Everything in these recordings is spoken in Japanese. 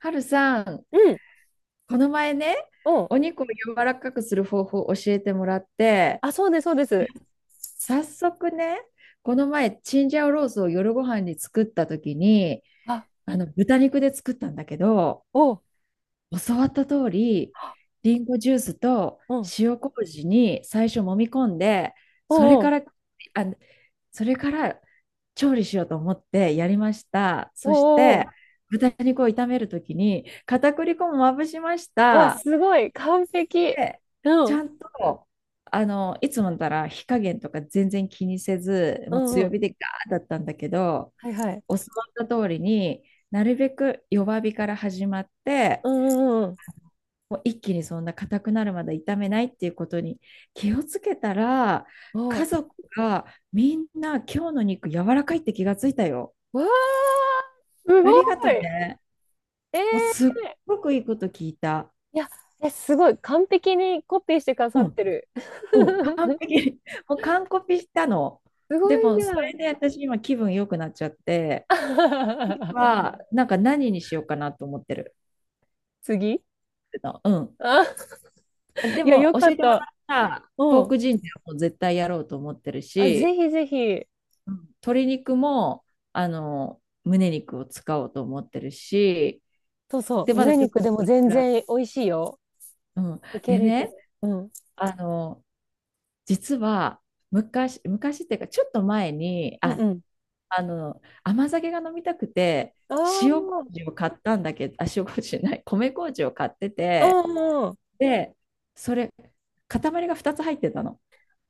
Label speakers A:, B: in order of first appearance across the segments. A: はるさん、
B: うん。
A: この前ね、
B: お
A: お肉を柔らかくする方法を教えてもらって、
B: あ、そうです、そうです。
A: 早速ね、この前、チンジャオロースを夜ご飯に作った時に、
B: あ、
A: あの豚肉で作ったんだけど、
B: おう、
A: 教わった通り、リンゴジュースと
B: うん。
A: 塩麹に最初揉み込んで、それ
B: おうお
A: か
B: う。
A: ら、あ、それから調理しようと思ってやりました。
B: お
A: そ
B: う
A: し
B: おうお
A: て、
B: う。
A: 豚肉を炒める時に片栗粉もまぶしまし
B: わ、
A: た。
B: すごい。完璧。
A: で、
B: う
A: ち
B: ん。
A: ゃんと、いつもなら火加減とか全然気にせず、
B: う
A: もう
B: んう
A: 強
B: ん。
A: 火でガーだったんだけど、
B: はいはい。
A: 教わった通りになるべく弱火から始まって、
B: うんうんうん。
A: もう一気にそんな硬くなるまで炒めないっていうことに気をつけたら、
B: お
A: 家
B: う。
A: 族がみんな今日の肉柔らかいって気がついたよ。
B: わー、すご
A: ありがとう
B: い。え
A: ね。
B: ー。
A: もうすっごくいいこと聞いた。
B: いや、え、すごい。完璧にコピーしてくださ
A: う
B: って
A: ん
B: る。
A: うん、完 璧。もう完コピしたの。
B: すご
A: で
B: い
A: も、
B: じ
A: そ
B: ゃん。
A: れで私今気分良くなっちゃって、なんか何にしようかなと思ってる。
B: 次
A: う
B: あ、
A: ん。で
B: いや、
A: も、
B: よか
A: 教え
B: っ
A: てもら
B: た。
A: ったポー
B: うん。
A: クジンジャーも絶対やろうと思ってる
B: あ、ぜ
A: し、
B: ひぜひ。
A: うん。鶏肉も、胸肉を使おうと思ってるし、
B: そうそ
A: で、
B: う。
A: まだ
B: 胸
A: ちょっと
B: 肉でも全
A: 辛い、
B: 然美味しいよ。
A: うん。
B: いけ
A: で
B: るいける。
A: ね、
B: うん。
A: あの、実は、昔、昔っていうか、ちょっと前に、
B: うんうん。
A: 甘酒が飲みたくて、塩
B: あ
A: 麹を買ったんだけど、あ、塩麹じゃない、米麹を買って
B: あ、
A: て、
B: うんうん。
A: で、それ、塊が2つ入ってたの。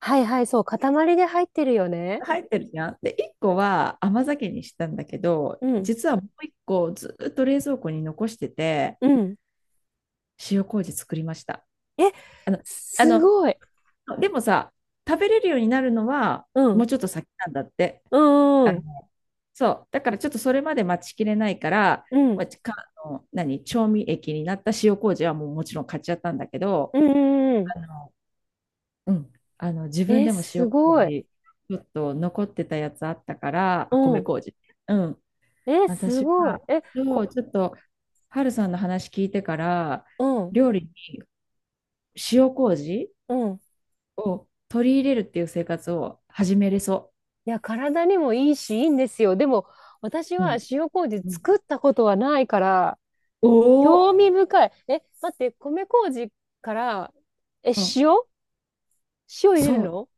B: はいはい、そう、塊で入ってるよね。
A: 入ってるじゃん。で、1個は甘酒にしたんだけど、
B: うん、
A: 実はもう1個ずっと冷蔵庫に残してて、
B: うん。
A: 塩麹作りました。
B: え、
A: あの、あ
B: す
A: の、
B: ごい。
A: でもさ、食べれるようになるのは、
B: う
A: も
B: ん、
A: うちょっと先なんだって。
B: うん、うん、
A: そう。だからちょっとそれまで待ちきれないから、
B: うん、
A: まあ、かあの何、調味液になった塩麹はもうもちろん買っちゃったんだけど、
B: うん、うんうん。
A: あの、うん、自分
B: え、
A: でも塩
B: すごい。
A: 麹、ちょっと残ってたやつあったから、
B: う
A: あ、米
B: ん、
A: 麹。うん。
B: え、す
A: 私
B: ごい。
A: は、
B: え、
A: そう、
B: こ、
A: ちょっと、ハルさんの話聞いてから、
B: うん、
A: 料理に塩麹
B: うん。
A: を取り入れるっていう生活を始めれそ
B: いや、体にもいいし、いいんですよ。でも、私
A: う。う
B: は
A: ん。
B: 塩麹
A: うん、
B: 作ったことはないから、
A: お
B: 興
A: お、
B: 味深い。え、待って、米麹から、え、
A: うん、
B: 塩入れる
A: そう。
B: の？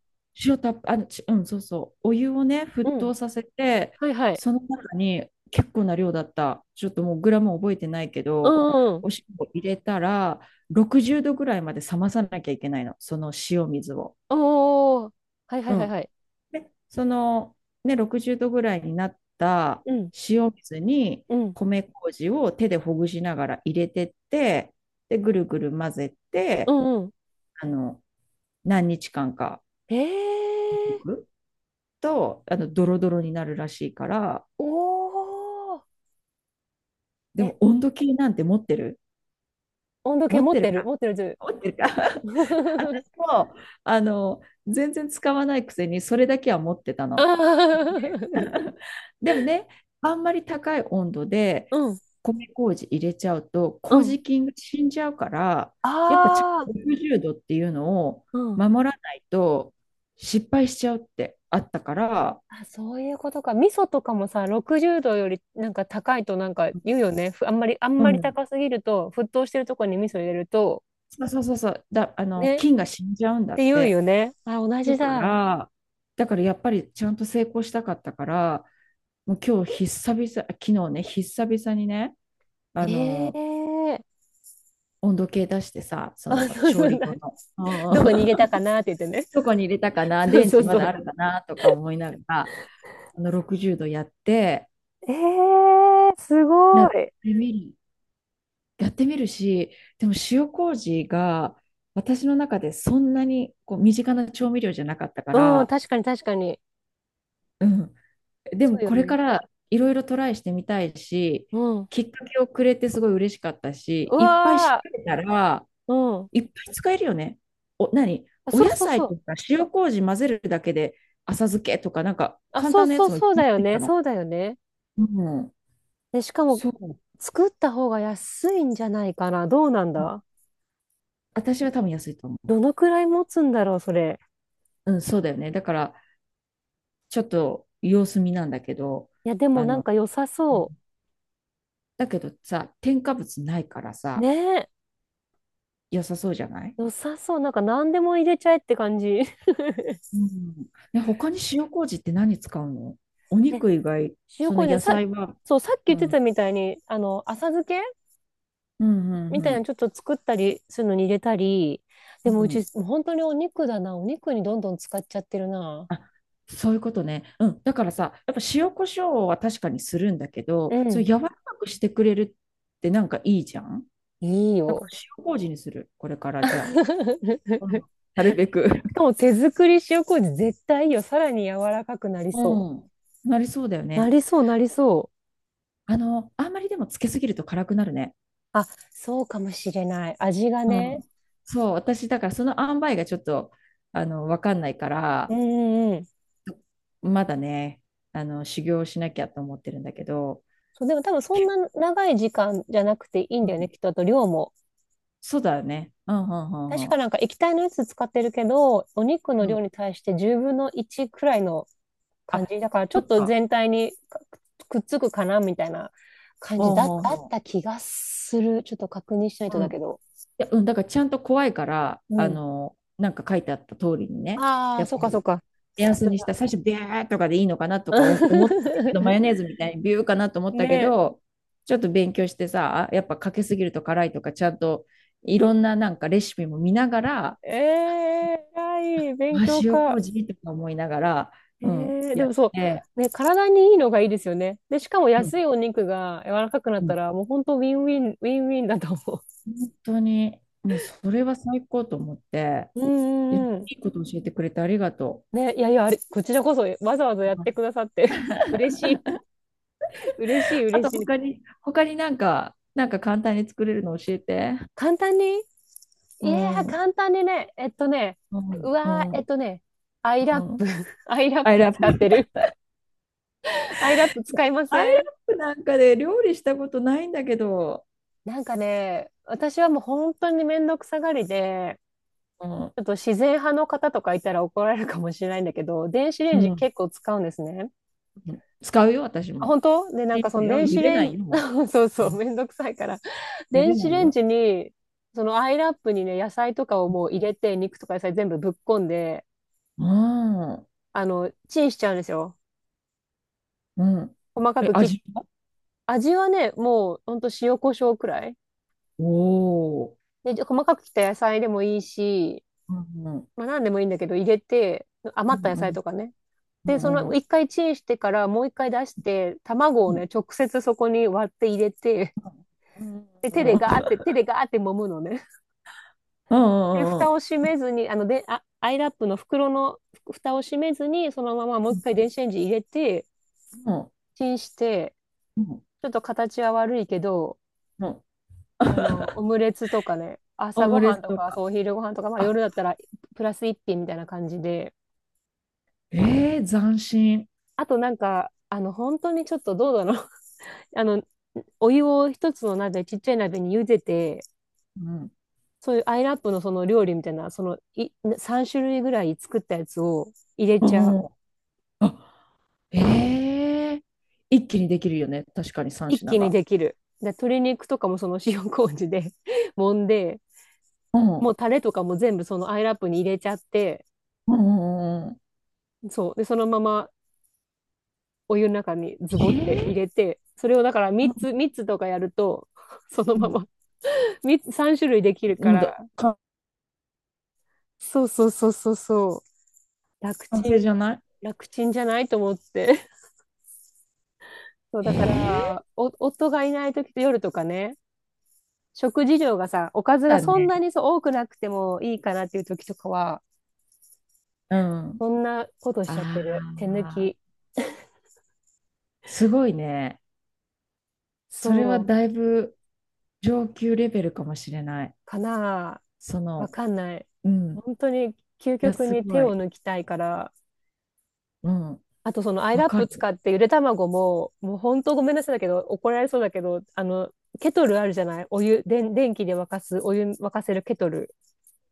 A: 塩たっあ、ちうん、そうそう。お湯をね、
B: う
A: 沸
B: ん。
A: 騰させて、
B: はいはい。
A: その中に結構な量だった。ちょっともうグラム覚えてないけ
B: う
A: ど、
B: んうん。
A: お塩を入れたら、60度ぐらいまで冷まさなきゃいけないの。その塩水を。
B: おー。はいは
A: う
B: いはい
A: ん。
B: はい。
A: で、ね、60度ぐらいになった
B: うん、
A: 塩水に、
B: うん、
A: 米麹を手でほぐしながら入れてって、で、ぐるぐる混ぜ
B: う
A: て、
B: んう
A: あの、何日間か
B: ん。えー。
A: とドロドロになるらしいから、
B: おお、
A: で
B: え、
A: も温度計なんて持ってる、
B: 温度計
A: 持っ
B: 持っ
A: てる
B: てる
A: か、
B: 持ってる、
A: 持ってるか？ もう全然使わないくせにそれだけは持ってた
B: あ
A: の。
B: ー
A: でもね、あんまり高い温度で
B: うん、
A: 米麹入れちゃうと
B: うん、
A: 麹菌が死んじゃうから、やっぱちゃん
B: あ
A: と
B: ー
A: 60度っていうのを
B: うん。
A: 守らないと失敗しちゃうってあったから、
B: あ、そういうことか。味噌とかもさ、60度よりなんか高いとなんか言うよね。ふあんまり、あん
A: う
B: まり
A: ん、
B: 高すぎると、沸騰してるとこに味噌入れると、
A: そうそうそうそうだ、
B: ね、っ
A: 菌が死んじゃうんだ
B: て
A: っ
B: 言う
A: て。
B: よね。あ、同
A: だ
B: じ
A: か
B: だ。
A: ら、だからやっぱりちゃんと成功したかったから、もう今日久々、昨日ね、久々にね、あの、
B: ええ、
A: 温度計出してさ、その
B: あ、そうそ
A: 調
B: う
A: 理
B: だ。
A: 後 の、
B: どこに
A: う
B: 入
A: ん、
B: れたかなって言っ てね。
A: どこに入れたかな、
B: そう
A: 電
B: そう
A: 池ま
B: そ
A: だあ
B: う。
A: るかなとか思いながら、60度
B: ええー、す
A: や
B: ご
A: っ
B: い。
A: てみる、やってみるし、でも塩麹が私の中でそんなにこう身近な調味料じゃなかったか
B: うん、
A: ら、
B: 確かに確かに。
A: うん、で
B: そ
A: も
B: うよ
A: これ
B: ね。
A: からいろいろトライしてみたいし、
B: うん。
A: きっかけをくれてすごい嬉しかったし、
B: う
A: いっぱい調
B: わ
A: べたら、
B: ー。うん。
A: いっぱい使えるよね。
B: あ、
A: お
B: そう
A: 野
B: そう
A: 菜
B: そ
A: と
B: う。
A: か塩麹混ぜるだけで浅漬けとか、なんか
B: あ、
A: 簡
B: そう
A: 単なや
B: そう
A: つもいっ
B: そう
A: ぱ
B: だ
A: い出
B: よ
A: てきた
B: ね。
A: の。
B: そうだよね。
A: うん、
B: で、しかも、
A: そう。
B: 作った方が安いんじゃないかな。どうなんだ。
A: 私は多分安いと思
B: どのくらい持つんだろう、それ。
A: う。うん、そうだよね。だから、ちょっと様子見なんだけど、
B: いや、でも
A: あ
B: なん
A: の、
B: か良さ
A: う
B: そ
A: ん、だけどさ、添加物ないから
B: う。ね
A: さ、
B: え。
A: 良さそうじゃない？
B: 良さそう。なんか何でも入れちゃえって感じ。
A: うん。ね、他に塩麹って何使うの？お
B: え、
A: 肉以外、
B: 塩
A: その
B: 麹ね、
A: 野
B: さ、
A: 菜は。
B: そう、さっき
A: う
B: 言ってた
A: ん。
B: みたいに、浅漬け
A: うん、うん、
B: みたい
A: う
B: なの
A: ん。
B: ちょっと作ったりするのに入れたり、で
A: う
B: もうち、
A: ん。
B: もう本当にお肉だな。お肉にどんどん使っちゃってるな。
A: あ、そういうことね。うん。だからさ、やっぱ塩コショウは確かにするんだけ
B: う
A: ど、そう
B: ん。
A: 柔らかくしてくれるってなんかいいじゃん。
B: いい
A: だから
B: よ。
A: 塩麹にする。これからじゃ あ。うん。なるべく。
B: し かも手作り塩麹絶対いいよ。さらに柔らかくなりそ
A: うん。なりそうだよ
B: う。な
A: ね。
B: りそう、なりそう。
A: あんまりでもつけすぎると辛くなるね。
B: あ、そうかもしれない。味が
A: う
B: ね。
A: ん。そう、私、だからその塩梅がちょっと、わかんないか
B: う
A: ら、
B: んうんうん。
A: まだね、修行しなきゃと思ってるんだけど、
B: そう、でも多分そんな長い時間じゃなくていいん
A: う
B: だよね。
A: ん、
B: きっとあと量も。
A: そうだよね。うん、うん、う
B: 確
A: ん、う
B: か
A: ん。
B: なんか液体のやつ使ってるけど、お肉の
A: う
B: 量
A: ん、
B: に対して10分の1くらいの感
A: あ、
B: じだからちょ
A: そ
B: っ
A: っ
B: と
A: か。
B: 全体にくっつくかなみたいな感じ
A: ほう
B: だだ
A: ほう
B: っ
A: ほ
B: た気がする。ちょっと確認しないと
A: う。う
B: だ
A: ん。い
B: けど。
A: や、うん、だからちゃんと怖いから、
B: うん。
A: なんか書いてあった通りにね、
B: あ
A: や
B: あ、
A: っ
B: そう
A: ぱ
B: かそう
A: り、
B: か。
A: 目
B: さ
A: 安
B: す
A: にし
B: が。
A: た、最初、ビューとかでいいのかなとか思ったけど、マヨネ ーズみたいにビューかなと思った
B: ね
A: けど、ちょっと勉強してさ、やっぱかけすぎると辛いとか、ちゃんといろんななんかレシピも見ながら、
B: え。えー、偉い。勉
A: あ、
B: 強
A: 塩
B: 家。
A: 麹とか思いながら、
B: え
A: うん、
B: ー、で
A: や
B: も
A: っ
B: そ
A: て、
B: う。ね、体にいいのがいいですよね。で、しかも
A: うん、
B: 安いお肉が柔らかくなっ
A: う
B: た
A: ん、
B: ら、もう本当ウィンウィン、ウィンウィンだと思
A: 本当に、もうそれは最高と思って、
B: う。う
A: でい
B: んうんうん。
A: いこと教えてくれてありがと
B: ね、いやいや、あれ、こちらこそわざわざやってく
A: う。
B: ださって、嬉しい、嬉しい、
A: あ
B: 嬉
A: と、
B: し
A: 他
B: い。
A: に、他になんか、簡単に作れるの教えて。
B: 簡単に。い
A: う
B: やー、
A: ん、うん、
B: 簡単にね、
A: う
B: うわー、
A: ん、
B: アイラッ
A: うん。
B: プ、アイラッ
A: アイ
B: プ
A: ラップ。
B: 使ってる。アイラップ使いま
A: アイ
B: せ
A: ラッ
B: ん？
A: プなんかで料理したことないんだけど、
B: なんかね、私はもう本当にめんどくさがりで、
A: うん、
B: ちょっと自然派の方とかいたら怒られるかもしれないんだけど、電子レ
A: う
B: ンジ
A: ん、
B: 結構使うんですね。
A: うん、使うよ、私
B: あ、
A: も。
B: 本当で、なん
A: い
B: か
A: いん
B: そ
A: だ
B: の
A: よ、
B: 電
A: 茹
B: 子
A: で
B: レ
A: な
B: ン
A: い
B: ジ、
A: よ、も
B: そう
A: う。
B: そ
A: う
B: う、
A: ん、
B: めんどくさいから、
A: 茹で
B: 電
A: な
B: 子
A: い
B: レン
A: よ。
B: ジに、そのアイラップにね、野菜とかをもう入れて、肉とか野菜全部ぶっこんで、
A: うん。
B: チンしちゃうんですよ。
A: うん。
B: 細か
A: え、
B: く切っ、
A: 味は？
B: 味はね、もうほんと塩コショウくらい。
A: おお
B: で、じゃ細かく切った野菜でもいいし、
A: ー。うん、うん、
B: まあ何でもいいんだけど入れて、
A: う
B: 余った野菜
A: ん、
B: とかね。
A: う
B: で、そ
A: ん、
B: の
A: うん、
B: 一回チンしてからもう一回出して、卵
A: う
B: を
A: ん、
B: ね、直接そこに割って入れて、
A: うん、うん、
B: で、手でガーって、手でガーって揉むのね。
A: う
B: で、蓋
A: ん、
B: を閉めずに、で、あ、アイラップの袋の蓋を閉めずに、そのままもう一回電子レンジ入れて、チンして、
A: うん、
B: ちょっと形は悪いけど、
A: うん、
B: オムレツとかね、
A: オ
B: 朝ご
A: ムレ
B: はん
A: ツ
B: と
A: と
B: か、そう、
A: か。
B: お昼ごはんとか、まあ夜
A: あ、
B: だったらプラス一品みたいな感じで、
A: えー、斬新。
B: あとなんか、本当にちょっとどうだろう。あの、お湯を一つの鍋、ちっちゃい鍋に茹でて、
A: うん、
B: そういうアイラップのその料理みたいな、そのい3種類ぐらい作ったやつを入れ
A: う
B: ちゃう。
A: ん、あ、えー、一気にできるよね。確かに三
B: 一
A: 品
B: 気に
A: が。
B: できる。で、鶏肉とかもその塩麹で 揉んで、
A: うん、う
B: もう
A: ん、
B: タレとかも全部そのアイラップに入れちゃって、
A: うんうん、
B: そう。で、そのままお湯の中にズボって入
A: え
B: れて、それをだから3つ、
A: ー、
B: 3つとかやると、その
A: う
B: ま
A: ん、
B: ま3つ、種類できるか
A: もう
B: ら、
A: だ、完
B: そうそうそうそうそう、楽ち
A: 成
B: ん、
A: じゃな
B: 楽ちんじゃないと思って。そう、
A: い？
B: だか
A: え
B: ら、夫がいない時と夜とかね、食事量がさ、おかず
A: ー、
B: が
A: だ
B: そんな
A: ね。
B: にそう多くなくてもいいかなっていう時とかは、
A: うん。
B: そんなことしちゃっ
A: あ
B: てる。手抜
A: あ、
B: き。
A: すごいね。それは
B: そう、
A: だいぶ上級レベルかもしれない。
B: かなあ。
A: そ
B: わ
A: の、
B: かんない。
A: うん。
B: 本当に究
A: いや、
B: 極
A: す
B: に
A: ご
B: 手を
A: い。
B: 抜きたいから、
A: うん。
B: あとそのアイ
A: わ
B: ラッ
A: か
B: プ使
A: る。
B: ってゆで卵も、もう本当ごめんなさいだけど、怒られそうだけど、ケトルあるじゃないお湯、電気で沸かす、お湯沸かせるケトル。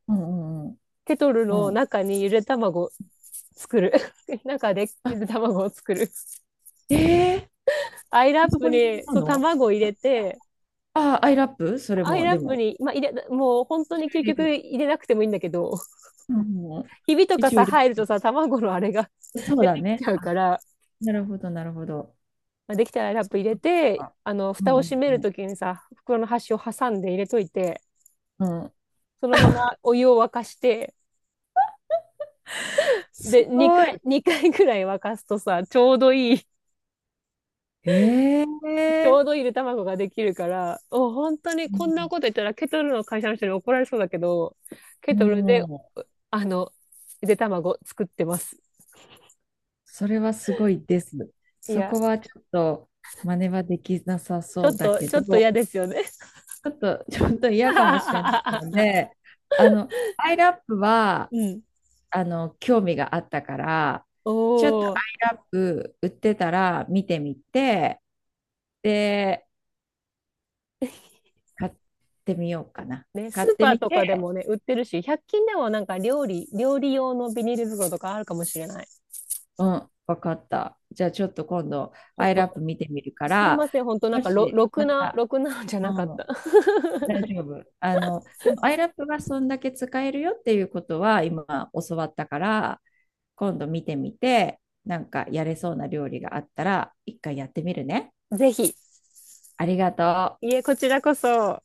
A: うんうん
B: ケトル
A: う
B: の
A: ん。うん。
B: 中にゆで卵作る。中で
A: あ、
B: ゆで卵を作る。
A: ええー、
B: アイラ
A: あ
B: ッ
A: そ
B: プ
A: こに
B: に、
A: 来た
B: そう、
A: の？
B: 卵を入れて、
A: あ、アイラップそれ
B: アイ
A: も、
B: ラ
A: で
B: ップ
A: も。
B: に、まあ、もう本当に究
A: 入れ
B: 極
A: る。
B: 入れなくてもいいんだけど、
A: うんうんうん。
B: ひびとか
A: 一応
B: さ、
A: 入れ
B: 入ると
A: る。
B: さ、卵のあれが
A: そう
B: 出
A: だ
B: てきち
A: ね。
B: ゃうか
A: あ、
B: ら、
A: なるほど、なるほど。
B: まあ、できたらラップ入れて、
A: あ、う
B: 蓋
A: ん
B: を閉める
A: う
B: と
A: ん
B: きにさ、袋の端を挟んで入れといて、
A: うん。うん、
B: そのままお湯を沸かして、
A: す
B: で、
A: ごい。
B: 2回、二回ぐらい沸かすとさ、ちょうどいい
A: ええ
B: ちょう
A: ー、
B: どいいゆで卵ができるから、本当にこんなこと言ったらケトルの会社の人に怒られそうだけど、ケ
A: う
B: トルで、
A: ん。
B: あの、ゆで卵作ってます。
A: それはすごいです。
B: い
A: そ
B: や、
A: こはちょっと真似はできなさ
B: ちょ
A: そ
B: っ
A: うだ
B: と、
A: け
B: ちょ
A: ど、
B: っと嫌ですよね。
A: ちょっと、ちょっと嫌かもしれないの で、アイラップは、
B: うん。
A: 興味があったから、
B: お
A: ちょっとアイ
B: ー。
A: ラップ売ってたら見てみて、で、買ってみようかな。
B: ね、ス
A: 買っ
B: ー
A: て
B: パー
A: み
B: と
A: て、
B: かでもね、売ってるし、100均でもなんか料理用のビニール袋とかあるかもしれない。
A: うん、わかった。じゃあちょっと今度、
B: ちょっ
A: アイラップ
B: と、
A: 見てみるか
B: すい
A: ら、
B: ません、本当なん
A: も
B: かろ、
A: し、
B: ろく
A: ま
B: な、
A: た、
B: ろくなのじゃ
A: う
B: なかった。
A: ん。大丈夫。でも、アイラップがそんだけ使えるよっていうことは、今教わったから、今度見てみて、なんかやれそうな料理があったら、一回やってみるね。
B: ぜひ、
A: ありがとう。
B: いえ、こちらこそ。